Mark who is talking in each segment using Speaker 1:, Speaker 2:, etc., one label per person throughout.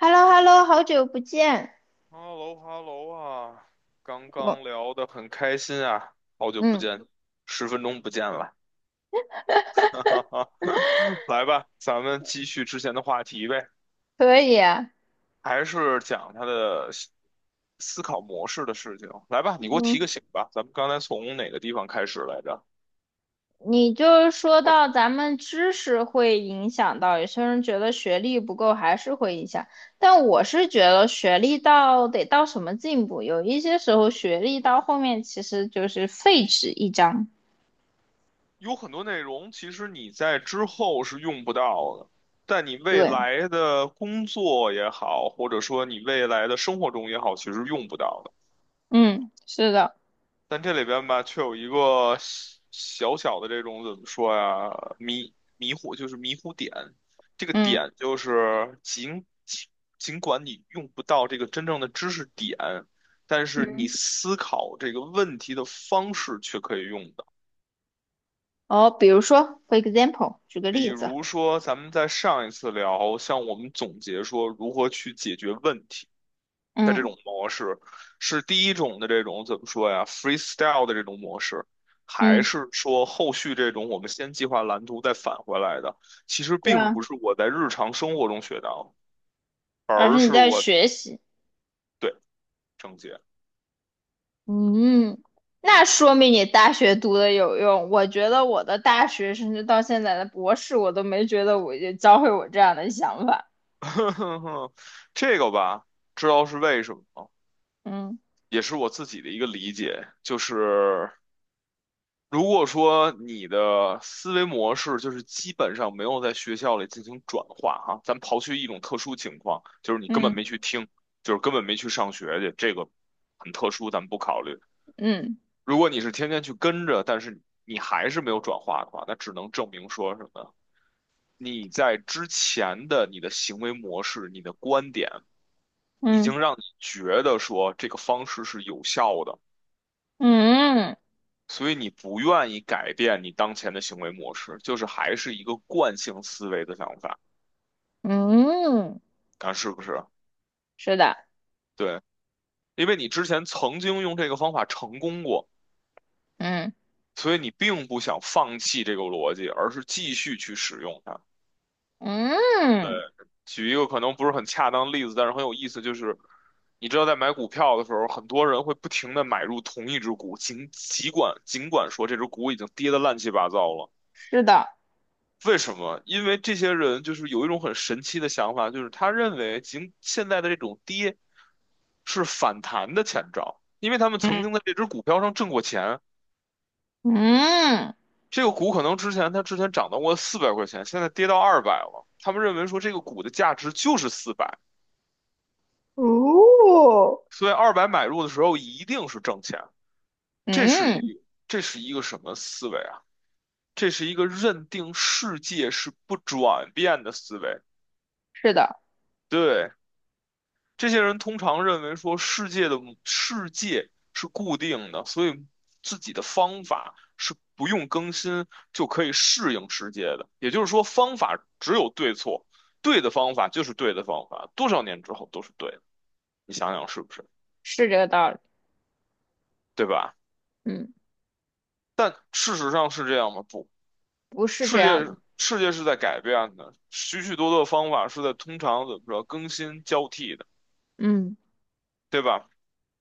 Speaker 1: h e l l o h e l l o 好久不见。
Speaker 2: 哈喽哈喽啊，刚刚
Speaker 1: 我，
Speaker 2: 聊得很开心啊，好久不
Speaker 1: 嗯，
Speaker 2: 见，10分钟不见了，哈哈哈，来吧，咱们继续之前的话题呗，
Speaker 1: 可以啊。
Speaker 2: 还是讲他的考模式的事情。来吧，你给我
Speaker 1: 嗯，
Speaker 2: 提个醒吧，咱们刚才从哪个地方开始来着？
Speaker 1: 你就是说
Speaker 2: 或者
Speaker 1: 到咱们知识会影响到，有些人觉得学历不够还是会影响，但我是觉得学历到得到什么进步，有一些时候学历到后面其实就是废纸一张。
Speaker 2: 有很多内容，其实你在之后是用不到的，但你未
Speaker 1: 对，
Speaker 2: 来的工作也好，或者说你未来的生活中也好，其实用不到的。
Speaker 1: 嗯，是的。
Speaker 2: 但这里边吧，却有一个小小的这种怎么说呀，迷糊点。这个
Speaker 1: 嗯，
Speaker 2: 点就是尽管你用不到这个真正的知识点，但是你思考这个问题的方式却可以用的。
Speaker 1: 哦，比如说，for example，举个
Speaker 2: 比
Speaker 1: 例子。
Speaker 2: 如说，咱们在上一次聊，像我们总结说如何去解决问题。的这
Speaker 1: 嗯，
Speaker 2: 种模式，是第一种的这种怎么说呀，freestyle 的这种模式，还
Speaker 1: 嗯，
Speaker 2: 是说后续这种我们先计划蓝图再返回来的？其实
Speaker 1: 对
Speaker 2: 并
Speaker 1: 啊，
Speaker 2: 不是我在日常生活中学到，
Speaker 1: 而
Speaker 2: 而
Speaker 1: 是你
Speaker 2: 是
Speaker 1: 在
Speaker 2: 我
Speaker 1: 学习。
Speaker 2: 对正解，
Speaker 1: 嗯，那说明你大学读的有用。我觉得我的大学，甚至到现在的博士，我都没觉得我就教会我这样的想法。
Speaker 2: 这个吧，知道是为什么吗？
Speaker 1: 嗯，
Speaker 2: 也是我自己的一个理解，就是如果说你的思维模式就是基本上没有在学校里进行转化哈，咱刨去一种特殊情况，就是你根本没
Speaker 1: 嗯，
Speaker 2: 去听，就是根本没去上学去，这个很特殊，咱们不考虑。
Speaker 1: 嗯，
Speaker 2: 如果你是天天去跟着，但是你还是没有转化的话，那只能证明说什么？你在之前的你的行为模式、你的观点，已
Speaker 1: 嗯，
Speaker 2: 经让你觉得说这个方式是有效的。
Speaker 1: 嗯，
Speaker 2: 所以你不愿意改变你当前的行为模式，就是还是一个惯性思维的想法，
Speaker 1: 嗯，
Speaker 2: 看是不是？
Speaker 1: 是的。
Speaker 2: 对，因为你之前曾经用这个方法成功过，
Speaker 1: 嗯，
Speaker 2: 所以你并不想放弃这个逻辑，而是继续去使用它。对，
Speaker 1: 嗯，
Speaker 2: 举一个可能不是很恰当的例子，但是很有意思，就是你知道在买股票的时候，很多人会不停的买入同一只股，尽管说这只股已经跌得乱七八糟了。
Speaker 1: 是的。
Speaker 2: 为什么？因为这些人就是有一种很神奇的想法，就是他认为现在的这种跌是反弹的前兆，因为他们曾经在
Speaker 1: 嗯，
Speaker 2: 这只股票上挣过钱。
Speaker 1: 嗯，
Speaker 2: 这个股可能之前涨到过400块钱，现在跌到二百了。他们认为说这个股的价值就是四百，
Speaker 1: 哦，
Speaker 2: 所以二百买入的时候一定是挣钱。这是
Speaker 1: 嗯，
Speaker 2: 一这是一个什么思维啊？这是一个认定世界是不转变的思维。
Speaker 1: 是的，
Speaker 2: 对，这些人通常认为说世界是固定的，所以自己的方法是不用更新就可以适应世界的。也就是说，方法只有对错，对的方法就是对的方法，多少年之后都是对的。你想想是不是？
Speaker 1: 是这个道理。
Speaker 2: 对吧？
Speaker 1: 嗯，
Speaker 2: 但事实上是这样吗？不，
Speaker 1: 不是这
Speaker 2: 世
Speaker 1: 样
Speaker 2: 界
Speaker 1: 的。
Speaker 2: 世界是在改变的，许许多多的方法是在通常怎么着更新交替的，
Speaker 1: 嗯，
Speaker 2: 对吧？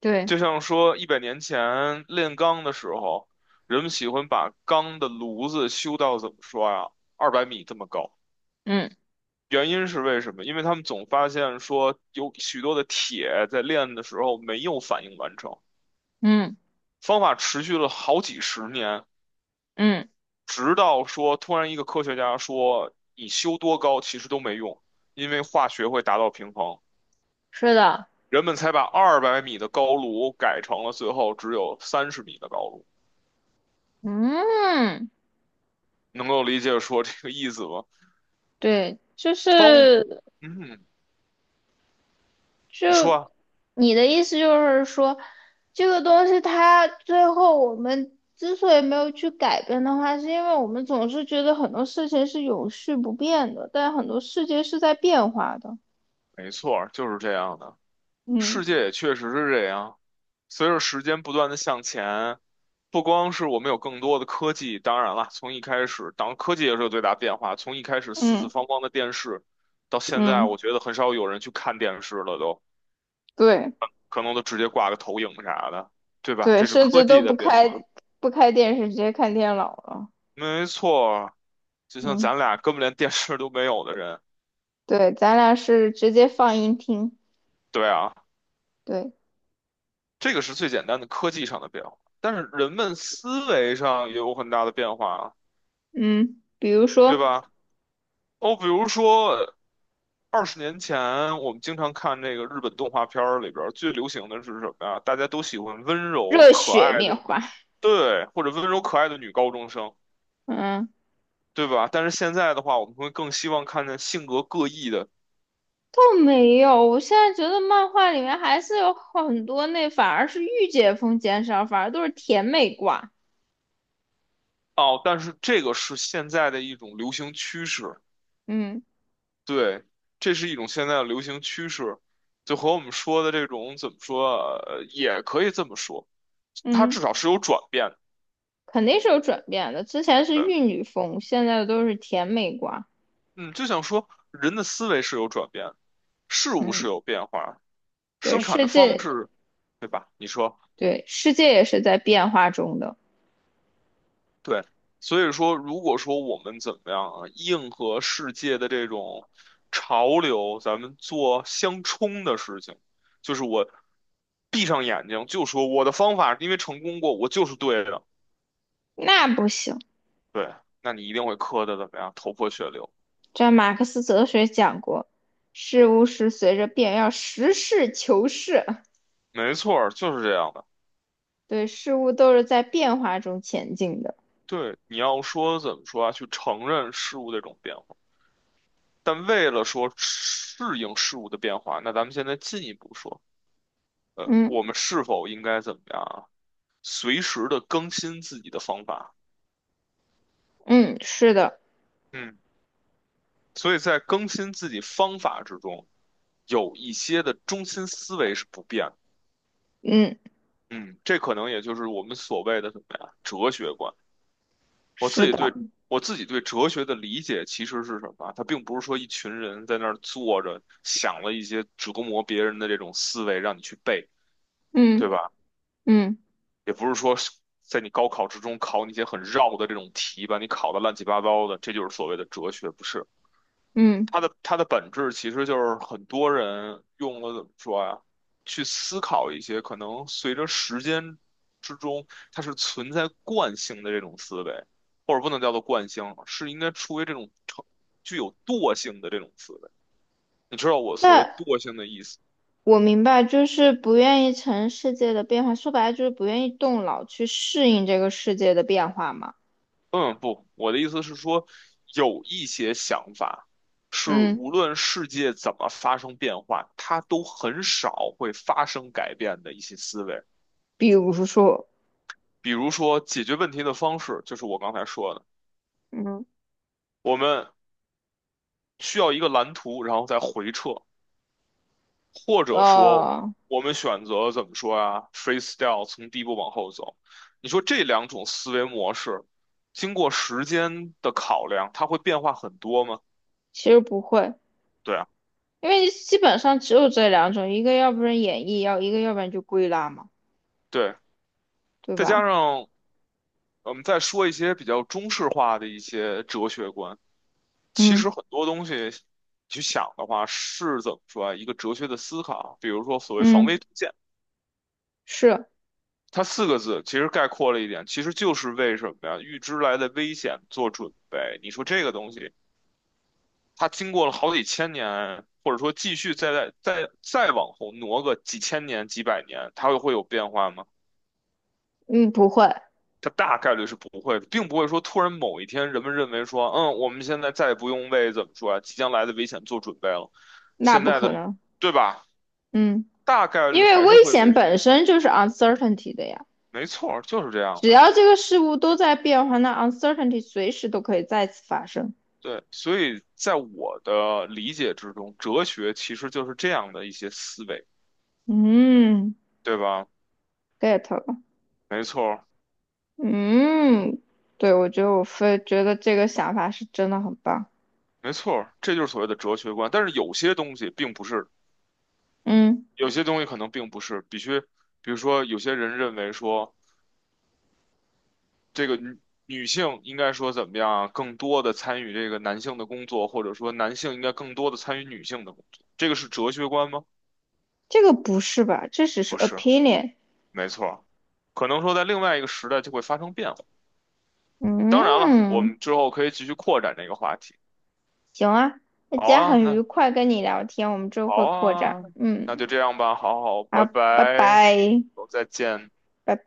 Speaker 1: 对。
Speaker 2: 就像说100年前炼钢的时候，人们喜欢把钢的炉子修到怎么说呀，二百米这么高。
Speaker 1: 嗯，
Speaker 2: 原因是为什么？因为他们总发现说有许多的铁在炼的时候没有反应完成。
Speaker 1: 嗯，
Speaker 2: 方法持续了好几十年，
Speaker 1: 嗯，
Speaker 2: 直到说突然一个科学家说你修多高其实都没用，因为化学会达到平衡，
Speaker 1: 是的。
Speaker 2: 人们才把二百米的高炉改成了最后只有30米的高炉。
Speaker 1: 嗯。
Speaker 2: 能够理解说这个意思吗？
Speaker 1: 对，就
Speaker 2: 方，
Speaker 1: 是
Speaker 2: 嗯，
Speaker 1: 就
Speaker 2: 你说啊，
Speaker 1: 你的意思就是说，这个东西它最后我们之所以没有去改变的话，是因为我们总是觉得很多事情是永续不变的，但很多世界是在变化的。
Speaker 2: 没错儿，就是这样的。
Speaker 1: 嗯，
Speaker 2: 世界也确实是这样，随着时间不断的向前，不光是我们有更多的科技，当然了，从一开始，当然科技也是有最大变化，从一开始四四
Speaker 1: 嗯，
Speaker 2: 方方的电视，到现在，
Speaker 1: 嗯，
Speaker 2: 我觉得很少有人去看电视了都，
Speaker 1: 对，
Speaker 2: 可能都直接挂个投影啥的，对吧？
Speaker 1: 对，
Speaker 2: 这是
Speaker 1: 甚
Speaker 2: 科
Speaker 1: 至都
Speaker 2: 技的
Speaker 1: 不
Speaker 2: 变化，
Speaker 1: 开不开电视，直接看电脑了。
Speaker 2: 没错儿，就像
Speaker 1: 嗯，
Speaker 2: 咱俩根本连电视都没有的人，
Speaker 1: 对，咱俩是直接放音听。
Speaker 2: 对啊。
Speaker 1: 对，
Speaker 2: 这个是最简单的科技上的变化，但是人们思维上也有很大的变化啊，
Speaker 1: 嗯，比如
Speaker 2: 对
Speaker 1: 说
Speaker 2: 吧？哦，比如说20年前，我们经常看那个日本动画片儿里边儿最流行的是什么呀？大家都喜欢温柔
Speaker 1: 热
Speaker 2: 可
Speaker 1: 血
Speaker 2: 爱
Speaker 1: 面
Speaker 2: 的，
Speaker 1: 花。
Speaker 2: 对，或者温柔可爱的女高中生，
Speaker 1: 嗯。
Speaker 2: 对吧？但是现在的话，我们会更希望看见性格各异的。
Speaker 1: 倒没有，我现在觉得漫画里面还是有很多那反而是御姐风减少，反而都是甜美挂。
Speaker 2: 哦，但是这个是现在的一种流行趋势。
Speaker 1: 嗯，
Speaker 2: 对，这是一种现在的流行趋势，就和我们说的这种怎么说啊，也可以这么说，它至
Speaker 1: 嗯，
Speaker 2: 少是有转变的。
Speaker 1: 肯定是有转变的。之前是
Speaker 2: 对，
Speaker 1: 玉女风，现在都是甜美挂。
Speaker 2: 嗯，就想说人的思维是有转变，事物是
Speaker 1: 嗯，
Speaker 2: 有变化，
Speaker 1: 对，
Speaker 2: 生产的方式，对吧？你说
Speaker 1: 世界也是在变化中的。
Speaker 2: 对，所以说如果说我们怎么样啊，硬和世界的这种潮流，咱们做相冲的事情，就是我闭上眼睛就说我的方法，因为成功过，我就是对的。
Speaker 1: 那不行，
Speaker 2: 对，那你一定会磕的怎么样，头破血流。
Speaker 1: 这马克思哲学讲过，事物是随着变，要实事求是。
Speaker 2: 没错儿，就是这样的。
Speaker 1: 对，事物都是在变化中前进的。
Speaker 2: 对，你要说怎么说啊，去承认事物的这种变化，但为了说适应事物的变化，那咱们现在进一步说，
Speaker 1: 嗯，
Speaker 2: 我们是否应该怎么样啊？随时的更新自己的方法。
Speaker 1: 嗯，是的。
Speaker 2: 嗯，所以在更新自己方法之中，有一些的中心思维是不变的。
Speaker 1: 嗯，
Speaker 2: 嗯，这可能也就是我们所谓的怎么样，哲学观。我自
Speaker 1: 是
Speaker 2: 己
Speaker 1: 的。
Speaker 2: 对我自己对哲学的理解其实是什么啊？它并不是说一群人在那儿坐着想了一些折磨别人的这种思维让你去背，对
Speaker 1: 嗯，
Speaker 2: 吧？
Speaker 1: 嗯，
Speaker 2: 也不是说是在你高考之中考你一些很绕的这种题，把你考得乱七八糟的，这就是所谓的哲学，不是？
Speaker 1: 嗯，
Speaker 2: 它的本质其实就是很多人用了怎么说呀，去思考一些可能随着时间之中，它是存在惯性的这种思维，或者不能叫做惯性，是应该出于这种具有惰性的这种思维。你知道我
Speaker 1: 那
Speaker 2: 所谓惰性的意思？
Speaker 1: 我明白，就是不愿意承认世界的变化，说白了就是不愿意动脑去适应这个世界的变化嘛。
Speaker 2: 嗯，不，我的意思是说，有一些想法是
Speaker 1: 嗯，
Speaker 2: 无论世界怎么发生变化，它都很少会发生改变的一些思维。
Speaker 1: 比如说。
Speaker 2: 比如说解决问题的方式，就是我刚才说的，
Speaker 1: 嗯，
Speaker 2: 我们需要一个蓝图，然后再回撤，或者说
Speaker 1: 呃，
Speaker 2: 我们选择怎么说啊，freestyle 从第一步往后走。你说这两种思维模式，经过时间的考量，它会变化很多吗？
Speaker 1: 其实不会，
Speaker 2: 对啊，
Speaker 1: 因为基本上只有这两种，一个要不然演绎，要一个要不然就归纳嘛，
Speaker 2: 对，
Speaker 1: 对
Speaker 2: 再加
Speaker 1: 吧？
Speaker 2: 上我们再说一些比较中式化的一些哲学观。其
Speaker 1: 嗯，
Speaker 2: 实很多东西去想的话，是怎么说啊？一个哲学的思考，比如说所谓防微
Speaker 1: 嗯，
Speaker 2: 杜渐，
Speaker 1: 是。
Speaker 2: 它四个字其实概括了一点，其实就是为什么呀？预知来的危险做准备。你说这个东西，它经过了好几千年，或者说继续再往后挪个几千年、几百年，它会有变化吗？
Speaker 1: 嗯，不会。
Speaker 2: 它大概率是不会的，并不会说突然某一天人们认为说，嗯，我们现在再也不用为怎么说啊，即将来的危险做准备了。
Speaker 1: 那
Speaker 2: 现
Speaker 1: 不
Speaker 2: 在
Speaker 1: 可
Speaker 2: 的，
Speaker 1: 能。
Speaker 2: 对吧？
Speaker 1: 嗯，
Speaker 2: 大概率
Speaker 1: 因为
Speaker 2: 还是
Speaker 1: 危
Speaker 2: 会
Speaker 1: 险
Speaker 2: 维持，
Speaker 1: 本身就是 uncertainty 的呀。
Speaker 2: 没错儿，就是这样
Speaker 1: 只
Speaker 2: 的。
Speaker 1: 要这个事物都在变化，那 uncertainty 随时都可以再次发生。
Speaker 2: 对，所以在我的理解之中，哲学其实就是这样的一些思维，
Speaker 1: 嗯
Speaker 2: 对吧？
Speaker 1: ，get 了。
Speaker 2: 没错儿，
Speaker 1: 嗯，对，我觉得我非觉得这个想法是真的很棒。
Speaker 2: 没错儿，这就是所谓的哲学观。但是有些东西并不是，
Speaker 1: 嗯，
Speaker 2: 有些东西可能并不是必须。比如说，有些人认为说，这个女女性应该说怎么样啊更多的参与这个男性的工作，或者说男性应该更多的参与女性的工作，这个是哲学观吗？
Speaker 1: 这个不是吧？这只是
Speaker 2: 不是，
Speaker 1: opinion。
Speaker 2: 没错儿，可能说在另外一个时代就会发生变化。当然了，我
Speaker 1: 嗯，
Speaker 2: 们之后可以继续扩展这个话题。
Speaker 1: 行啊，那今
Speaker 2: 好
Speaker 1: 天
Speaker 2: 啊，
Speaker 1: 很愉
Speaker 2: 那
Speaker 1: 快跟你聊天，我们之后会
Speaker 2: 好
Speaker 1: 扩展。
Speaker 2: 啊，那
Speaker 1: 嗯，
Speaker 2: 就这样吧。好好，拜
Speaker 1: 好，拜
Speaker 2: 拜，
Speaker 1: 拜，
Speaker 2: 再见。
Speaker 1: 拜拜。